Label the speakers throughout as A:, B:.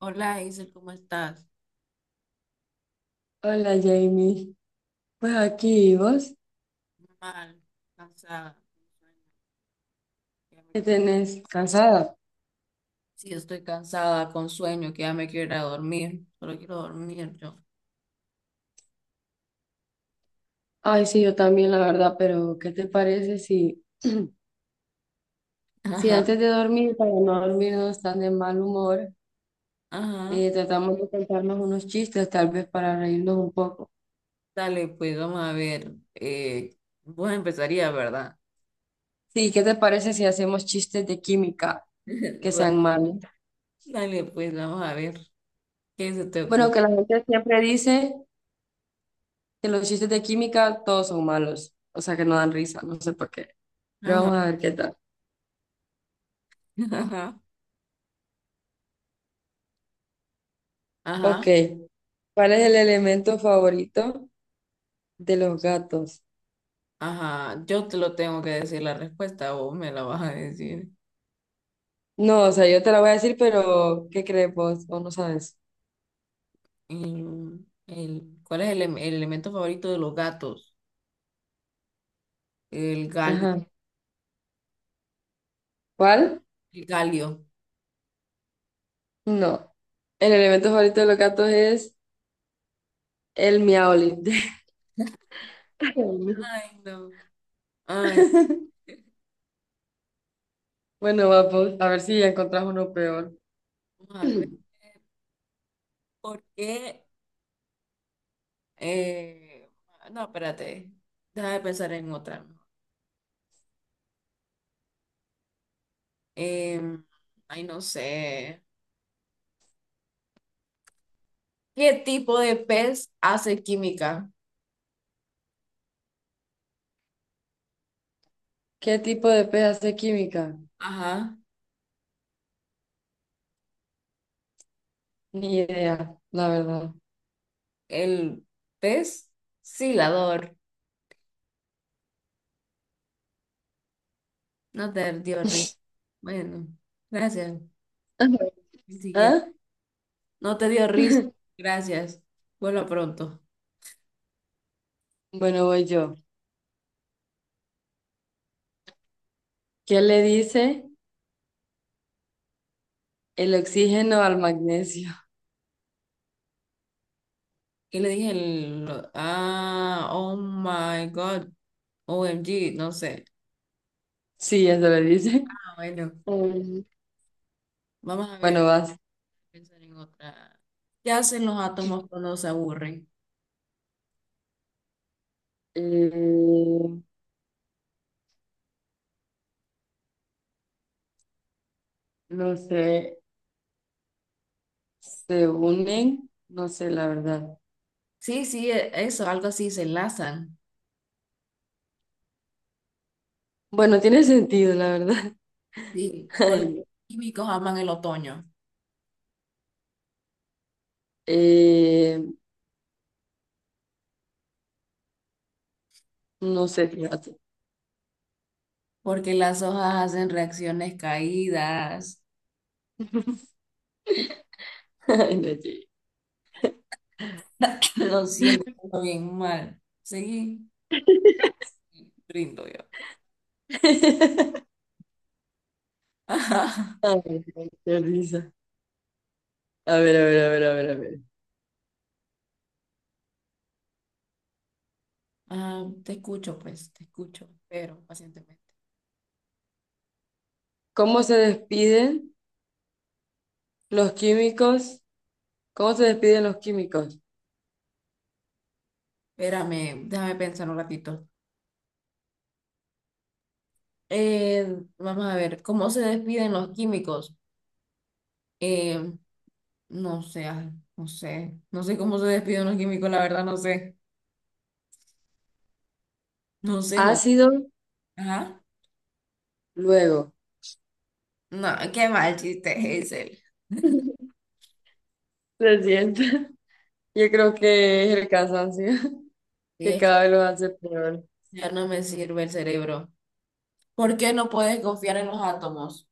A: Hola, Hazel, ¿cómo estás?
B: Hola Jamie, pues aquí. ¿Y vos,
A: Mal, cansada, con sueño, que ya me
B: qué
A: quiero ir.
B: tenés? ¿Cansada?
A: Sí, estoy cansada, con sueño, que ya me quiero ir a dormir. Solo quiero dormir yo.
B: Ay, sí, yo también, la verdad, pero ¿qué te parece si, si
A: Ajá,
B: antes de dormir, para no dormirnos tan de mal humor,
A: ajá.
B: tratamos de contarnos unos chistes, tal vez para reírnos un poco?
A: Dale, pues vamos a ver. Vos empezarías, ¿verdad?
B: Sí, ¿qué te parece si hacemos chistes de química que sean
A: Va,
B: malos?
A: dale, pues vamos a ver. ¿Qué se te
B: Bueno,
A: ocurre?
B: que la gente siempre dice que los chistes de química todos son malos, o sea que no dan risa, no sé por qué, pero
A: Ajá,
B: vamos a ver qué tal.
A: ajá,
B: Ok,
A: ajá,
B: ¿cuál es el elemento favorito de los gatos?
A: ajá. Yo te lo tengo que decir la respuesta, vos me la vas a decir.
B: No, o sea, yo te la voy a decir, pero ¿qué crees vos? ¿O no sabes?
A: Mm, ¿cuál es el elemento favorito de los gatos? El gal.
B: Ajá. ¿Cuál?
A: El calio.
B: No. El elemento favorito de los gatos es el miaolín. Ay, no.
A: Ay, no. Ay,
B: Bueno, vamos a ver si ya encontrás uno peor.
A: vamos a ver. ¿Por qué? Eh, no, espérate. Deja de pensar en otra. Em, Ay, no sé. ¿Qué tipo de pez hace química?
B: ¿Qué tipo de pez hace química?
A: Ajá.
B: Ni idea, la verdad.
A: El pez silador. No te dio risa. Bueno, gracias.
B: Ajá.
A: El siguiente.
B: ¿Ah?
A: No te dio risa. Gracias. Vuelva pronto.
B: Bueno, voy yo. ¿Qué le dice el oxígeno al magnesio?
A: ¿Qué le dije? El... Ah, oh my God. OMG, no sé.
B: Sí, eso le dice.
A: Ah, bueno,
B: Mm.
A: vamos a
B: Bueno,
A: ver,
B: vas.
A: pensar en otra. ¿Qué hacen los átomos cuando se aburren?
B: Eh, No sé, se unen, no sé la verdad.
A: Sí, sí, eso, algo así, se enlazan.
B: Bueno, tiene sentido, la verdad.
A: Sí, porque los
B: Ay,
A: químicos aman el otoño,
B: eh, no sé, fíjate.
A: porque las hojas hacen reacciones caídas.
B: Ay, no llegué.
A: Lo siento todo bien mal. Seguí, rindo yo. Ajá.
B: Ay, no, qué risa. A ver, a ver, a ver, a ver, a ver.
A: Ah, te escucho, pues, te escucho, pero pacientemente.
B: ¿Cómo se despiden los químicos? ¿Cómo se despiden los químicos?
A: Espérame, déjame pensar un ratito. Vamos a ver, ¿cómo se despiden los químicos? Eh, no sé, ay, no sé, no sé cómo se despide un químico, la verdad, no sé, no sé, no.
B: Ácido,
A: Ajá.
B: luego.
A: No, qué mal chiste, Hazel.
B: Se siente. Yo creo que es el cansancio,
A: Y
B: que
A: es
B: cada
A: que
B: vez lo hace peor.
A: ya no me sirve el cerebro. ¿Por qué no puedes confiar en los átomos?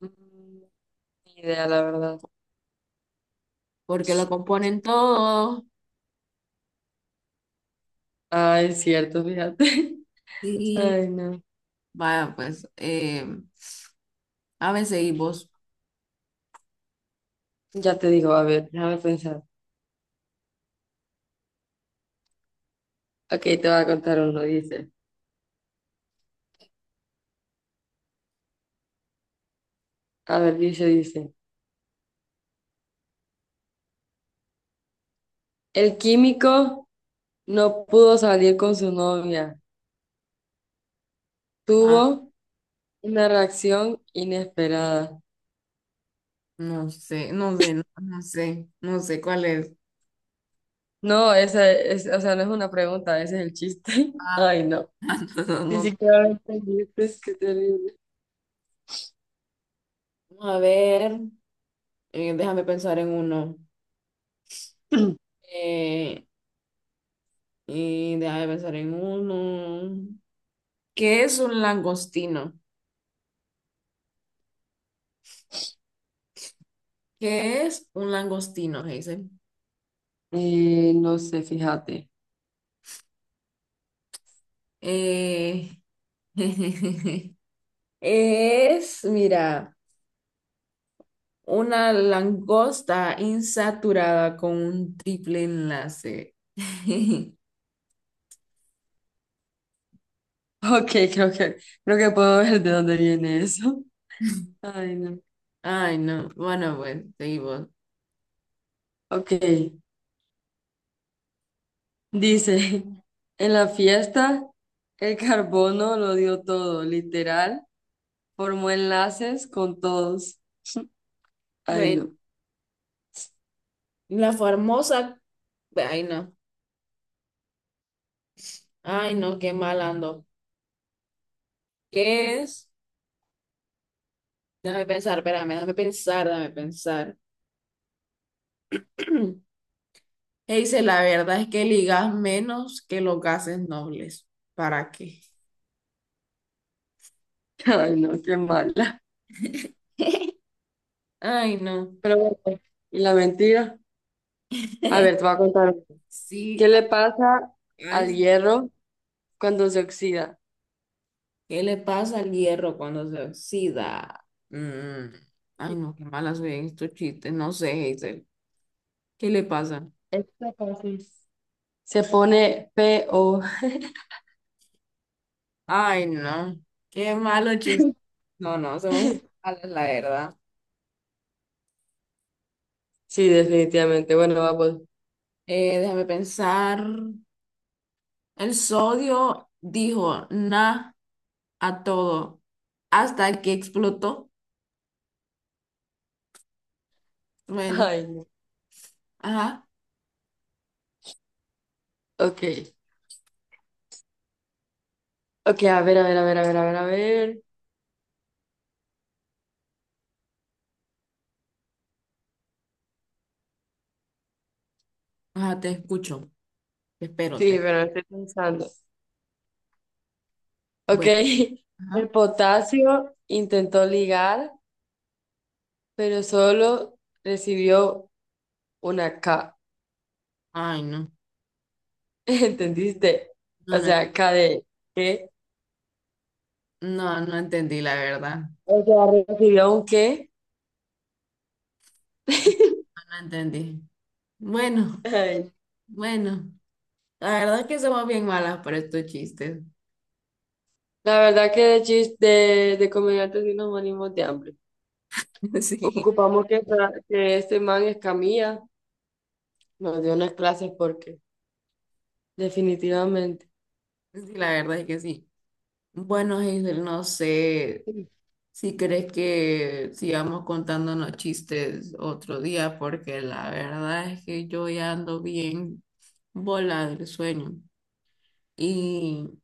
B: Mm, ni idea, la verdad.
A: Porque lo componen todo.
B: Ah, es cierto, fíjate.
A: Y
B: Ay, no.
A: vaya, pues, a veces y vos.
B: Ya te digo, a ver, déjame pensar. Ok, te voy a contar uno, dice. A ver, dice, dice. El químico no pudo salir con su novia.
A: Ah,
B: Tuvo una reacción inesperada.
A: no sé, no sé, no, no sé, no sé cuál es.
B: No, esa es, o sea, no es una pregunta, ese es el chiste.
A: Ah,
B: Ay, no.
A: no, no,
B: Ni
A: no.
B: siquiera lo entendiste, es que terrible.
A: A ver, déjame pensar en uno. Eh, Y deja de pensar en uno. ¿Qué es un langostino? ¿Qué es un langostino, Hazel?
B: No sé, fíjate.
A: Eh, Es, mira, una langosta insaturada con un triple enlace.
B: Ok, creo que puedo ver de dónde viene eso. Ay, no.
A: Ay, no. Bueno, pues, seguimos.
B: Ok. Dice, en la fiesta el carbono lo dio todo, literal, formó enlaces con todos. Ay,
A: Bueno,
B: no,
A: la famosa. Ay, no. Ay, no, qué mal ando. ¿Qué es? Déjame pensar, espérame, déjame pensar, déjame pensar. E dice, la verdad es que ligas menos que los gases nobles. ¿Para qué?
B: ay, no, qué mala.
A: Ay, no.
B: Pero bueno, y la mentira. A ver, te voy a contar. ¿Qué
A: Sí,
B: le pasa al
A: ay,
B: hierro cuando se oxida?
A: ¿qué le pasa al hierro cuando se oxida? Mm, ay, no, qué mala soy en estos chistes. No sé, Hazel. ¿Qué le pasa?
B: Esto fácil. Se pone PO.
A: Ay, no. Qué malo chiste. No, no, somos muy malas, la verdad.
B: Sí, definitivamente. Bueno, vamos.
A: Déjame pensar. El sodio dijo, nah, a todo hasta que explotó. Bueno.
B: Ay, no.
A: Ajá,
B: Ok, ok, a ver, a ver, a ver, a ver, a ver, a ver.
A: ajá, te escucho.
B: Sí,
A: Espérote.
B: pero estoy pensando. Ok,
A: Bueno,
B: el
A: ajá.
B: potasio intentó ligar, pero solo recibió una K.
A: Ay, no.
B: ¿Entendiste? O
A: No, no,
B: sea, K de qué.
A: no, no entendí, la verdad.
B: O sea, recibió un qué.
A: No, no entendí. Bueno,
B: Ay,
A: bueno. La verdad es que somos bien malas para estos chistes.
B: la verdad que de chis de comediantes sí nos morimos de hambre. Ocupamos que, que este man Escamilla nos dio unas clases porque definitivamente.
A: Sí, sí, la verdad es que sí. Bueno, Hazel, no sé si crees que sigamos contándonos chistes otro día, porque la verdad es que yo ya ando bien volada del sueño. Y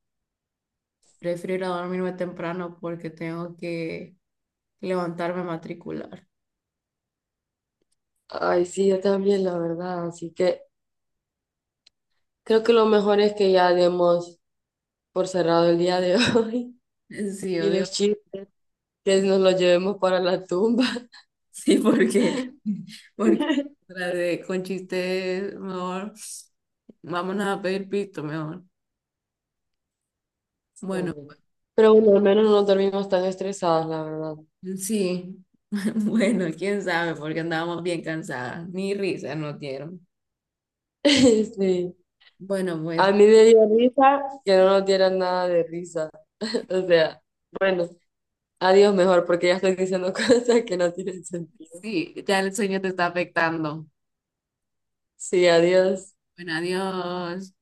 A: prefiero ir a dormirme temprano porque tengo que levantarme a matricular.
B: Ay, sí, yo también, la verdad. Así que creo que lo mejor es que ya demos por cerrado el día de hoy
A: Sí,
B: y
A: odio.
B: los chistes que nos los llevemos para la tumba.
A: Sí, porque, porque con chistes, mejor, vámonos a pedir pito, mejor.
B: Sí,
A: Bueno,
B: hombre. Pero bueno, al menos no dormimos tan estresadas, la verdad.
A: sí, bueno, quién sabe, porque andábamos bien cansadas, ni risa nos dieron.
B: Sí.
A: Bueno, pues
B: A mí me dio risa que no nos dieran nada de risa. O sea, bueno, adiós mejor porque ya estoy diciendo cosas que no tienen sentido.
A: sí, ya el sueño te está afectando.
B: Sí, adiós.
A: Bueno, adiós.